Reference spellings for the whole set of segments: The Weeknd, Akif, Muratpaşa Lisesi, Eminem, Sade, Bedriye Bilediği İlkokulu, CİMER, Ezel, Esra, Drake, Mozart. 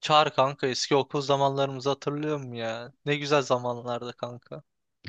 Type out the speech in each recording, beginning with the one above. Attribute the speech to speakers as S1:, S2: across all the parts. S1: Çağır kanka, eski okul zamanlarımızı hatırlıyor musun ya? Ne güzel zamanlardı kanka.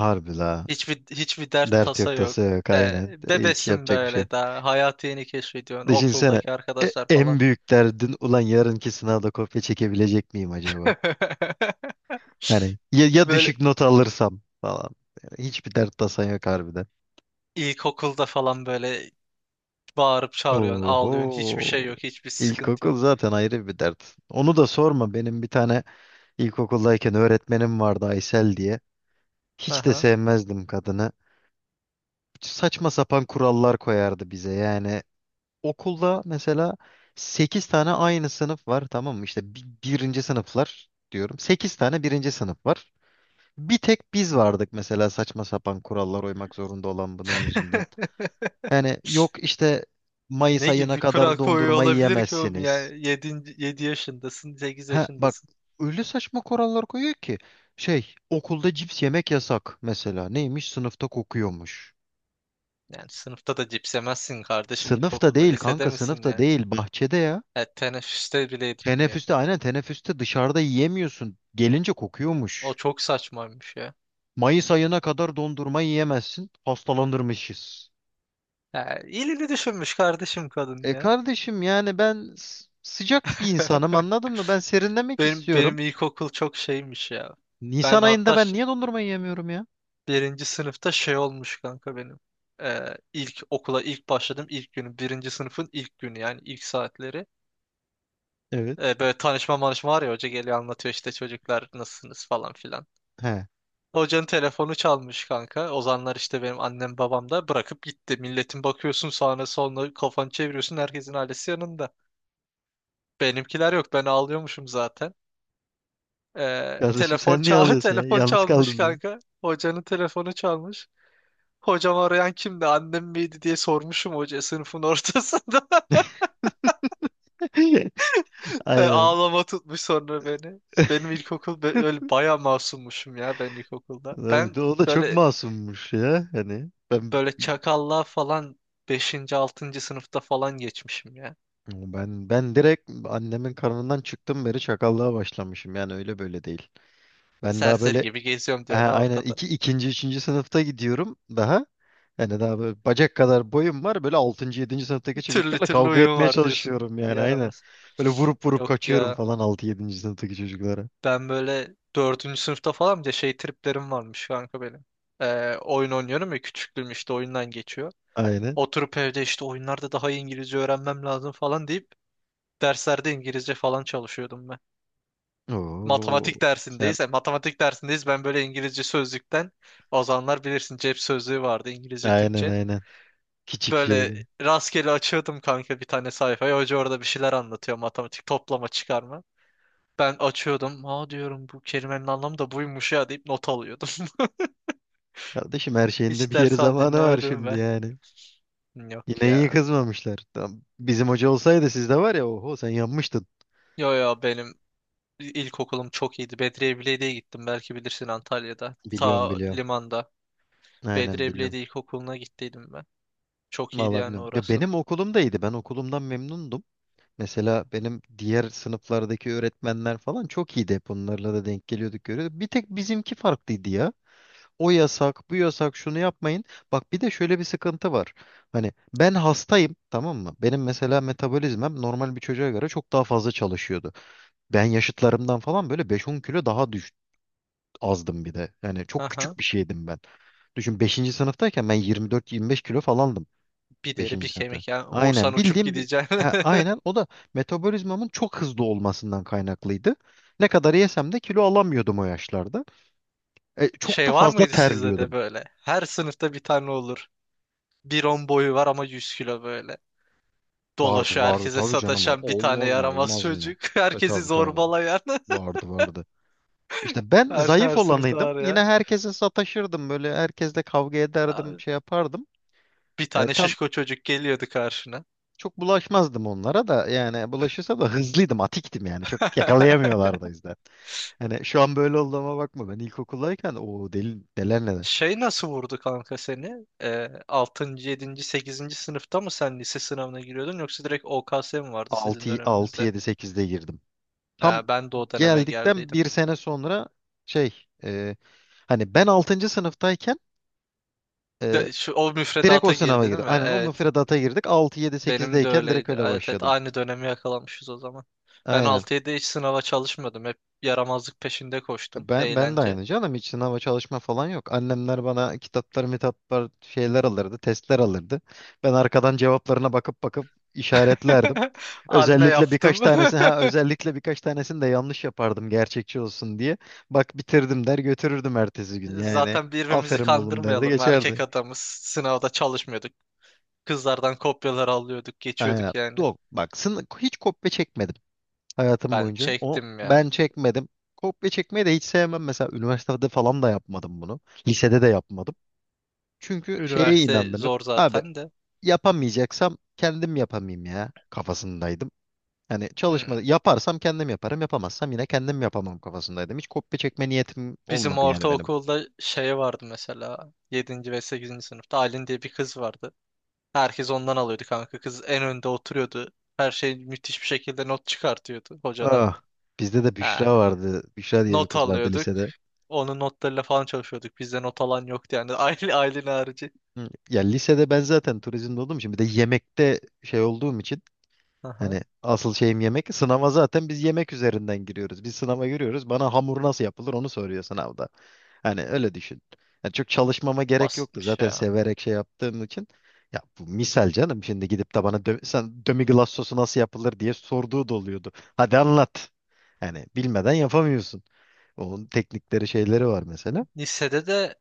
S2: Harbi la.
S1: Hiçbir dert
S2: Dert
S1: tasa
S2: yok,
S1: yok.
S2: tasa yok,
S1: Ee,
S2: aynen. Hiç
S1: Bebesin
S2: yapacak bir şey yok.
S1: böyle, daha hayatı yeni keşfediyorsun,
S2: Düşünsene
S1: okuldaki arkadaşlar
S2: en
S1: falan.
S2: büyük derdin ulan yarınki sınavda kopya çekebilecek miyim acaba? Hani ya, ya
S1: Böyle
S2: düşük not alırsam falan. Yani hiçbir dert tasan yok harbiden.
S1: ilkokulda falan böyle bağırıp çağırıyorsun,
S2: Oho.
S1: ağlıyorsun. Hiçbir şey yok, hiçbir sıkıntı
S2: İlkokul
S1: yok.
S2: zaten ayrı bir dert. Onu da sorma. Benim bir tane ilkokuldayken öğretmenim vardı Aysel diye. Hiç de
S1: Aha.
S2: sevmezdim kadını. Saçma sapan kurallar koyardı bize yani. Okulda mesela 8 tane aynı sınıf var, tamam mı? İşte birinci sınıflar diyorum. Sekiz tane birinci sınıf var. Bir tek biz vardık mesela saçma sapan kurallar uymak zorunda olan bunun yüzünden. Yani yok işte, Mayıs
S1: Ne gibi
S2: ayına
S1: bir kural
S2: kadar
S1: koyuyor
S2: dondurma
S1: olabilir ki oğlum ya?
S2: yiyemezsiniz.
S1: Yedi 7 yaşındasın, 8
S2: Ha bak,
S1: yaşındasın.
S2: öyle saçma kurallar koyuyor ki şey, okulda cips yemek yasak mesela. Neymiş, sınıfta kokuyormuş.
S1: Yani sınıfta da cips yemezsin kardeşim
S2: Sınıfta
S1: ilkokulda.
S2: değil
S1: Lisede
S2: kanka,
S1: misin?
S2: sınıfta değil, bahçede ya.
S1: Ya teneffüste bile yedirtmiyor.
S2: Teneffüste, aynen, teneffüste dışarıda yiyemiyorsun. Gelince
S1: O
S2: kokuyormuş.
S1: çok saçmaymış ya.
S2: Mayıs ayına kadar dondurma yiyemezsin. Hastalanırmışız.
S1: Ya iyiliğini düşünmüş kardeşim kadın
S2: E
S1: ya.
S2: kardeşim, yani ben sıcak bir insanım, anladın mı? Ben serinlemek
S1: Benim
S2: istiyorum.
S1: benim ilkokul çok şeymiş ya.
S2: Nisan
S1: Ben
S2: ayında
S1: hatta
S2: ben niye dondurma yiyemiyorum ya?
S1: birinci sınıfta şey olmuş kanka benim. İlk okula ilk başladım, ilk günü. Birinci sınıfın ilk günü, yani ilk saatleri.
S2: Evet.
S1: Böyle tanışma manışma var ya, hoca geliyor anlatıyor işte, çocuklar nasılsınız falan filan.
S2: He.
S1: Hocanın telefonu çalmış kanka. Ozanlar işte, benim annem babam da bırakıp gitti. Milletin bakıyorsun sağına soluna, kafanı çeviriyorsun, herkesin ailesi yanında. Benimkiler yok, ben ağlıyormuşum zaten.
S2: Kardeşim
S1: Telefon
S2: sen niye
S1: çal
S2: alıyorsun ya?
S1: telefon
S2: Yalnız
S1: çalmış
S2: kaldın diye.
S1: kanka. Hocanın telefonu çalmış. Hocam, arayan kimdi, annem miydi diye sormuşum hoca sınıfın ortasında.
S2: Aynen.
S1: Ağlama tutmuş sonra beni. Benim ilkokul öyle bayağı masummuşum ya ben ilkokulda.
S2: Lan,
S1: Ben
S2: o da çok
S1: böyle
S2: masummuş ya. Hani ben,
S1: böyle çakallığa falan beşinci 6. sınıfta falan geçmişim ya.
S2: ben direkt annemin karnından çıktım beri çakallığa başlamışım. Yani öyle böyle değil. Ben daha
S1: Serseri
S2: böyle,
S1: gibi geziyorum
S2: ha,
S1: diyorsun ha,
S2: aynen,
S1: ortada.
S2: ikinci, üçüncü sınıfta gidiyorum daha. Yani daha böyle bacak kadar boyum var. Böyle altıncı, yedinci sınıftaki
S1: Türlü
S2: çocuklarla
S1: türlü
S2: kavga
S1: uyum
S2: etmeye
S1: var diyorsun.
S2: çalışıyorum, yani aynen.
S1: Yaramaz.
S2: Böyle vurup vurup
S1: Yok
S2: kaçıyorum
S1: ya.
S2: falan altı, yedinci sınıftaki çocuklara.
S1: Ben böyle dördüncü sınıfta falan bir de şey triplerim varmış kanka benim. Oyun oynuyorum ya, küçüklüğüm işte oyundan geçiyor.
S2: Aynen.
S1: Oturup evde işte, oyunlarda daha iyi İngilizce öğrenmem lazım falan deyip derslerde İngilizce falan çalışıyordum,
S2: Oo,
S1: matematik
S2: sen,
S1: dersindeyiz. Yani matematik dersindeyiz. Ben böyle İngilizce sözlükten, o zamanlar bilirsin cep sözlüğü vardı, İngilizce
S2: aynen
S1: Türkçe.
S2: aynen. Küçük
S1: Böyle
S2: şey.
S1: rastgele açıyordum kanka bir tane sayfayı. Hoca orada bir şeyler anlatıyor, matematik, toplama çıkarma. Ben açıyordum. Aa diyorum, bu kelimenin anlamı da buymuş ya deyip not alıyordum.
S2: Kardeşim her şeyin de
S1: Hiç
S2: bir yeri
S1: dershane
S2: zamanı var
S1: dinlemedim
S2: şimdi
S1: ve
S2: yani.
S1: yok
S2: Yine iyi
S1: ya.
S2: kızmamışlar. Tam bizim hoca olsaydı, sizde var ya, oho sen yanmıştın.
S1: Yo, yo, benim ilkokulum çok iyiydi. Bedriye Bilediği'ye gittim, belki bilirsin, Antalya'da.
S2: Biliyorum,
S1: Ta
S2: biliyorum.
S1: limanda.
S2: Aynen,
S1: Bedriye
S2: biliyorum.
S1: Bilediği İlkokulu'na gittiydim ben. Çok iyiydi
S2: Vallahi
S1: yani
S2: bilmiyorum. Ya
S1: orası.
S2: benim okulum da, ben okulumdan memnundum. Mesela benim diğer sınıflardaki öğretmenler falan çok iyiydi. Hep onlarla da denk geliyorduk, görüyorduk. Bir tek bizimki farklıydı ya. O yasak, bu yasak, şunu yapmayın. Bak, bir de şöyle bir sıkıntı var. Hani ben hastayım, tamam mı? Benim mesela metabolizmam normal bir çocuğa göre çok daha fazla çalışıyordu. Ben yaşıtlarımdan falan böyle beş on kilo daha düş azdım bir de. Yani çok
S1: Aha.
S2: küçük bir şeydim ben. Düşün, beşinci sınıftayken ben 24-25 kilo falandım.
S1: Bir deri
S2: Beşinci
S1: bir
S2: sınıfta.
S1: kemik ya. Vursan
S2: Aynen,
S1: uçup
S2: bildiğim bir
S1: gideceksin.
S2: ha, aynen o da metabolizmamın çok hızlı olmasından kaynaklıydı. Ne kadar yesem de kilo alamıyordum o yaşlarda. E, çok da
S1: Şey var
S2: fazla
S1: mıydı sizde de
S2: terliyordum.
S1: böyle? Her sınıfta bir tane olur. Bir on boyu var ama 100 kilo böyle.
S2: Vardı
S1: Dolaşıyor,
S2: vardı,
S1: herkese
S2: tabii canım,
S1: sataşan bir tane
S2: olmaz mı,
S1: yaramaz
S2: olmaz mı?
S1: çocuk.
S2: E
S1: Herkesi
S2: tabii tabii,
S1: zorbalayan.
S2: vardı vardı. İşte ben
S1: Her
S2: zayıf
S1: sınıfta
S2: olanıydım.
S1: var
S2: Yine
S1: ya.
S2: herkese sataşırdım, böyle herkesle kavga ederdim, şey yapardım.
S1: Bir
S2: E,
S1: tane
S2: tam,
S1: şişko çocuk geliyordu karşına.
S2: çok bulaşmazdım onlara da, yani bulaşırsa da hızlıydım, atiktim yani. Çok yakalayamıyorlardı o yüzden. Hani şu an böyle olduğuma bakma. Ben ilkokuldayken o deli, neler neler.
S1: Şey, nasıl vurdu kanka seni? 6. 7. 8. sınıfta mı sen lise sınavına giriyordun, yoksa direkt OKS mi vardı sizin
S2: 6
S1: döneminizde?
S2: 7 8'de girdim. Tam
S1: Ben de o döneme
S2: geldikten
S1: geldiydim.
S2: bir sene sonra, şey, e, hani ben altıncı sınıftayken, e,
S1: O
S2: direkt o
S1: müfredata girdi
S2: sınava
S1: değil
S2: girdim.
S1: mi?
S2: Aynen o
S1: Evet.
S2: müfredata girdik. 6 7
S1: Benim de
S2: 8'deyken direkt
S1: öyleydi.
S2: öyle
S1: Evet, evet,
S2: başladım.
S1: aynı dönemi yakalamışız o zaman. Ben
S2: Aynen.
S1: 6-7 hiç sınava çalışmadım. Hep yaramazlık peşinde koştum.
S2: Ben de
S1: Eğlence.
S2: aynı canım, hiç sınava çalışma falan yok. Annemler bana kitaplar, mitaplar, şeyler alırdı, testler alırdı. Ben arkadan cevaplarına bakıp bakıp işaretlerdim.
S1: Anne
S2: Özellikle birkaç
S1: yaptım.
S2: tanesini, ha, özellikle birkaç tanesini de yanlış yapardım gerçekçi olsun diye. Bak, bitirdim der götürürdüm ertesi gün yani.
S1: Zaten birbirimizi
S2: Aferin oğlum derdi,
S1: kandırmayalım. Erkek
S2: geçerdi.
S1: adamız. Sınavda çalışmıyorduk. Kızlardan kopyalar alıyorduk.
S2: Aynen.
S1: Geçiyorduk yani.
S2: Yok bak, sını hiç kopya çekmedim hayatım
S1: Ben
S2: boyunca. O,
S1: çektim ya.
S2: ben çekmedim. Kopya çekmeyi de hiç sevmem. Mesela üniversitede falan da yapmadım bunu. Lisede de yapmadım. Çünkü şeye
S1: Üniversite
S2: inandım hep.
S1: zor
S2: Abi
S1: zaten de.
S2: yapamayacaksam kendim yapamayayım ya kafasındaydım. Hani çalışma
S1: Hmm.
S2: yaparsam kendim yaparım, yapamazsam yine kendim yapamam kafasındaydım. Hiç kopya çekme niyetim
S1: Bizim
S2: olmadı yani benim.
S1: ortaokulda şey vardı mesela. Yedinci ve sekizinci sınıfta Aylin diye bir kız vardı. Herkes ondan alıyordu kanka. Kız en önde oturuyordu. Her şey müthiş bir şekilde not çıkartıyordu hocadan.
S2: Ah, bizde de
S1: Ha,
S2: Büşra vardı. Büşra diye bir
S1: not
S2: kız vardı
S1: alıyorduk.
S2: lisede.
S1: Onun notlarıyla falan çalışıyorduk. Bizde not alan yoktu yani. Ailen harici.
S2: Hı, ya lisede ben zaten turizmde olduğum için, bir de yemekte şey olduğum için, hani
S1: Aha,
S2: asıl şeyim yemek. Sınava zaten biz yemek üzerinden giriyoruz. Biz sınava giriyoruz. Bana hamur nasıl yapılır onu soruyor sınavda. Hani öyle düşün. Yani çok çalışmama gerek yoktu.
S1: basitmiş
S2: Zaten
S1: ya.
S2: severek şey yaptığım için. Ya bu misal canım. Şimdi gidip de bana sen dömiglas sosu nasıl yapılır diye sorduğu da oluyordu. Hadi anlat. Yani bilmeden yapamıyorsun. Onun teknikleri, şeyleri var mesela.
S1: Lisede de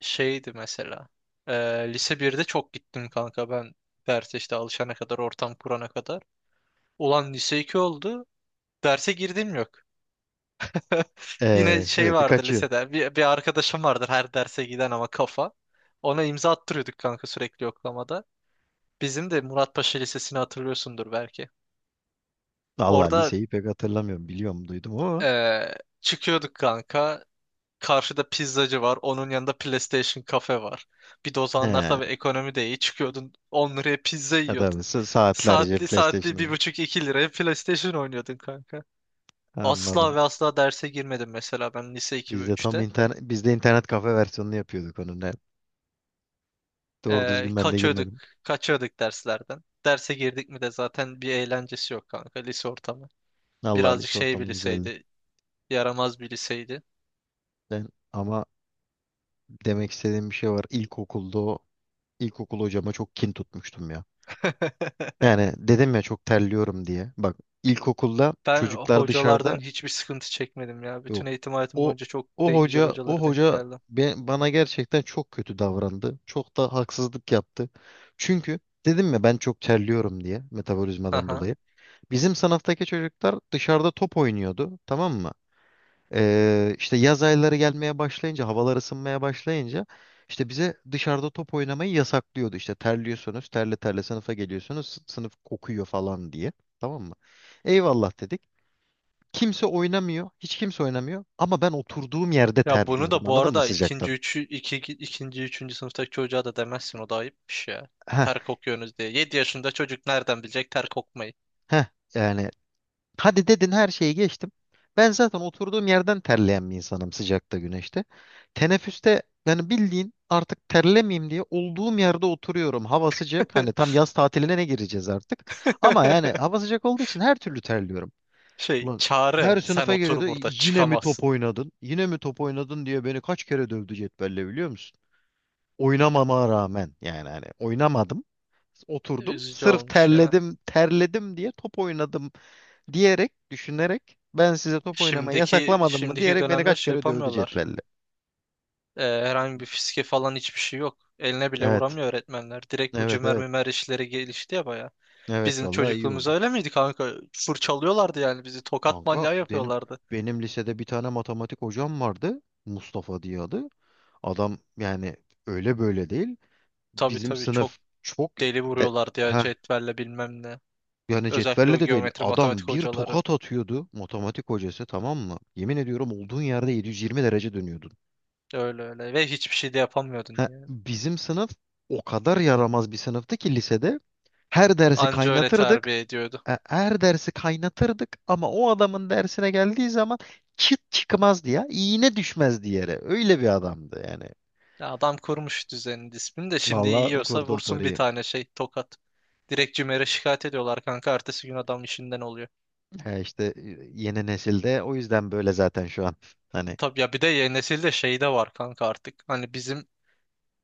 S1: şeydi mesela. Ee, Lise birde çok gittim kanka ben. Derse işte alışana kadar, ortam kurana kadar. Ulan lise 2 oldu. Derse girdim yok. Yine şey
S2: Sürekli
S1: vardı
S2: kaçıyorsun.
S1: lisede. Bir arkadaşım vardır her derse giden ama kafa. Ona imza attırıyorduk kanka sürekli yoklamada. Bizim de Muratpaşa Lisesi'ni hatırlıyorsundur belki.
S2: Allah,
S1: Orada
S2: liseyi pek hatırlamıyorum. Biliyorum, duydum ama.
S1: eee, çıkıyorduk kanka. Karşıda pizzacı var. Onun yanında PlayStation kafe var. Bir de o zamanlar
S2: He.
S1: tabii ekonomi de iyi. Çıkıyordun 10 liraya pizza
S2: Ha,
S1: yiyordun.
S2: tabii, saatlerce
S1: Saatli
S2: PlayStation
S1: bir
S2: oynuyor.
S1: buçuk iki liraya PlayStation oynuyordun kanka. Asla
S2: Anladım.
S1: ve asla derse girmedim mesela ben, lise 2 ve
S2: Biz de tam
S1: üçte.
S2: internet, biz de internet kafe versiyonunu yapıyorduk onun. Evet. Doğru
S1: Ee,
S2: düzgün ben de
S1: kaçıyorduk,
S2: girmedim.
S1: Kaçıyorduk derslerden. Derse girdik mi de zaten bir eğlencesi yok kanka lise ortamı.
S2: Allah,
S1: Birazcık
S2: lise
S1: şey bir
S2: ortamı güzeldi.
S1: liseydi, yaramaz bir liseydi.
S2: Ben ama demek istediğim bir şey var. İlkokulda o ilkokul hocama çok kin tutmuştum ya. Yani dedim ya çok terliyorum diye. Bak, ilkokulda
S1: Ben
S2: çocuklar dışarıda
S1: hocalardan hiçbir sıkıntı çekmedim ya. Bütün
S2: yok.
S1: eğitim hayatım
S2: O
S1: boyunca çok
S2: o
S1: de güzel
S2: hoca o
S1: hocalara denk
S2: hoca
S1: geldim.
S2: bana gerçekten çok kötü davrandı. Çok da haksızlık yaptı. Çünkü dedim ya ben çok terliyorum diye, metabolizmadan
S1: Aha.
S2: dolayı. Bizim sınıftaki çocuklar dışarıda top oynuyordu, tamam mı? İşte yaz ayları gelmeye başlayınca, havalar ısınmaya başlayınca, işte bize dışarıda top oynamayı yasaklıyordu. İşte terliyorsunuz, terle terle sınıfa geliyorsunuz, sınıf kokuyor falan diye. Tamam mı? Eyvallah dedik. Kimse oynamıyor, hiç kimse oynamıyor, ama ben oturduğum yerde
S1: Ya bunu
S2: terliyorum.
S1: da bu
S2: Anladın mı
S1: arada ikinci,
S2: sıcaktan?
S1: üçü, iki, ikinci, üçüncü sınıftaki çocuğa da demezsin, o da ayıpmış ya.
S2: Heh,
S1: Ter kokuyorsunuz diye. 7 yaşında çocuk nereden bilecek ter kokmayı?
S2: heh. Yani hadi dedin, her şeyi geçtim. Ben zaten oturduğum yerden terleyen bir insanım sıcakta, güneşte. Teneffüste yani bildiğin artık terlemeyeyim diye olduğum yerde oturuyorum. Hava sıcak. Hani tam yaz tatiline ne gireceğiz artık. Ama yani hava sıcak olduğu için her türlü terliyorum.
S1: Şey,
S2: Ulan,
S1: Çağrı
S2: her
S1: sen
S2: sınıfa
S1: otur
S2: geliyordu.
S1: burada,
S2: Yine mi top
S1: çıkamazsın.
S2: oynadın? Yine mi top oynadın diye beni kaç kere dövdü cetvelle, biliyor musun? Oynamama rağmen, yani hani oynamadım. Oturdum.
S1: Üzücü
S2: Sırf
S1: olmuş ya.
S2: terledim, terledim diye top oynadım diyerek, düşünerek, ben size top oynamayı
S1: Şimdiki
S2: yasaklamadım mı
S1: şimdiki
S2: diyerek beni
S1: dönemler
S2: kaç
S1: şey
S2: kere dövdü
S1: yapamıyorlar.
S2: cetvelle.
S1: Herhangi bir fiske falan, hiçbir şey yok. Eline bile
S2: Evet.
S1: vuramıyor öğretmenler. Direkt bu
S2: Evet,
S1: cümer
S2: evet.
S1: mümer işleri gelişti ya baya.
S2: Evet,
S1: Bizim
S2: vallahi iyi
S1: çocukluğumuz
S2: oldu.
S1: öyle miydi kanka? Fırçalıyorlardı yani bizi. Tokat
S2: Kanka
S1: manyağı
S2: benim,
S1: yapıyorlardı.
S2: lisede bir tane matematik hocam vardı. Mustafa diye adı. Adam yani öyle böyle değil.
S1: Tabii,
S2: Bizim
S1: tabii, çok
S2: sınıf çok
S1: deli
S2: de,
S1: vuruyorlardı ya
S2: ha
S1: cetvelle bilmem ne.
S2: yani
S1: Özellikle o
S2: cetvelle de değil.
S1: geometri
S2: Adam
S1: matematik
S2: bir
S1: hocaları.
S2: tokat atıyordu matematik hocası, tamam mı? Yemin ediyorum olduğun yerde 720 derece dönüyordun.
S1: Öyle öyle. Ve hiçbir şey de yapamıyordun
S2: Ha,
S1: yani.
S2: bizim sınıf o kadar yaramaz bir sınıftı ki lisede. Her dersi
S1: Anca öyle
S2: kaynatırdık.
S1: terbiye ediyordu.
S2: E, her dersi kaynatırdık ama o adamın dersine geldiği zaman çıt çıkmazdı ya. İğne düşmezdi yere. Öyle bir adamdı yani.
S1: Ya, adam kurmuş düzenini, disiplini de, şimdi
S2: Vallahi
S1: yiyorsa
S2: kurdu o
S1: vursun bir
S2: toruyu.
S1: tane şey tokat. Direkt CİMER'e şikayet ediyorlar kanka. Ertesi gün adam işinden oluyor.
S2: Ha işte, e, yeni nesilde o yüzden böyle zaten şu an. Hani
S1: Tabii ya, bir de yeni nesilde şey de var kanka artık. Hani bizim,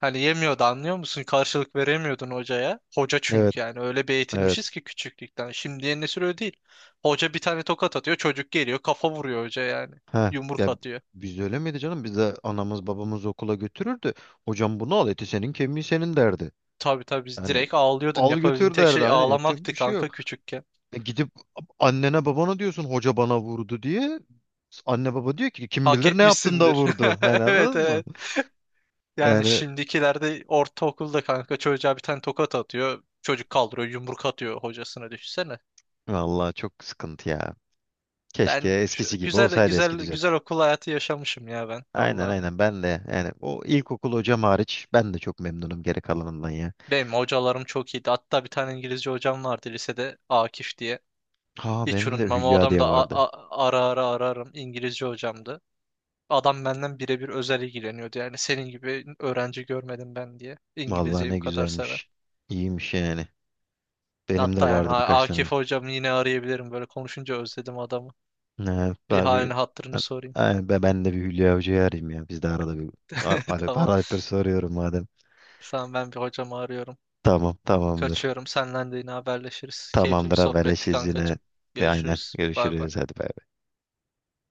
S1: hani yemiyordu, anlıyor musun? Karşılık veremiyordun hocaya. Hoca
S2: evet,
S1: çünkü, yani öyle bir
S2: evet.
S1: eğitilmişiz ki küçüklükten. Şimdi yeni nesil öyle değil. Hoca bir tane tokat atıyor, çocuk geliyor kafa vuruyor hoca yani.
S2: Ha
S1: Yumruk
S2: ya,
S1: atıyor.
S2: biz öyle miydi canım? Biz de anamız babamız okula götürürdü. Hocam bunu al, eti senin kemiği senin derdi.
S1: Tabii, tabii, biz
S2: Yani
S1: direkt ağlıyordun.
S2: al
S1: Yapabildiğin
S2: götür
S1: tek
S2: derdi,
S1: şey
S2: aynen, yapacak
S1: ağlamaktı
S2: bir şey
S1: kanka
S2: yok.
S1: küçükken.
S2: E gidip annene babana diyorsun hoca bana vurdu diye. Anne baba diyor ki kim
S1: Hak
S2: bilir ne yaptın da
S1: etmişsindir.
S2: vurdu. Yani
S1: Evet,
S2: anladın mı?
S1: evet. Yani
S2: Yani
S1: şimdikilerde ortaokulda kanka, çocuğa bir tane tokat atıyor. Çocuk kaldırıyor, yumruk atıyor hocasına, düşünsene.
S2: vallahi çok sıkıntı ya. Keşke
S1: Ben
S2: eskisi gibi
S1: güzel
S2: olsaydı eski
S1: güzel
S2: düzen.
S1: güzel okul hayatı yaşamışım ya ben
S2: Aynen
S1: valla.
S2: aynen, ben de yani, o ilkokul hocam hariç ben de çok memnunum geri kalanından ya.
S1: Benim hocalarım çok iyiydi. Hatta bir tane İngilizce hocam vardı lisede, Akif diye.
S2: Ha
S1: Hiç
S2: benim de
S1: unutmam. O
S2: Hülya
S1: adam
S2: diye
S1: da
S2: vardı.
S1: ara ara ararım, İngilizce hocamdı. Adam benden birebir özel ilgileniyordu. Yani senin gibi öğrenci görmedim ben diye.
S2: Vallahi
S1: İngilizceyi bu
S2: ne
S1: kadar seven.
S2: güzelmiş. İyiymiş yani. Benim de
S1: Hatta yani
S2: vardı birkaç tane.
S1: Akif hocam yine arayabilirim. Böyle konuşunca özledim adamı.
S2: Evet,
S1: Bir
S2: abi
S1: halini hatırını
S2: ben,
S1: sorayım.
S2: ay, ben de bir Hülya Hoca'yı arayayım ya. Biz de arada bir alo,
S1: Tamam.
S2: arayıp soruyorum madem.
S1: Sen, ben bir hocamı arıyorum.
S2: Tamam, tamamdır.
S1: Kaçıyorum. Senden de yine haberleşiriz. Keyifli bir
S2: Tamamdır,
S1: sohbetti
S2: haberleşiriz yine.
S1: kankacığım.
S2: Ve aynen,
S1: Görüşürüz. Bay bay.
S2: görüşürüz hadi, bay.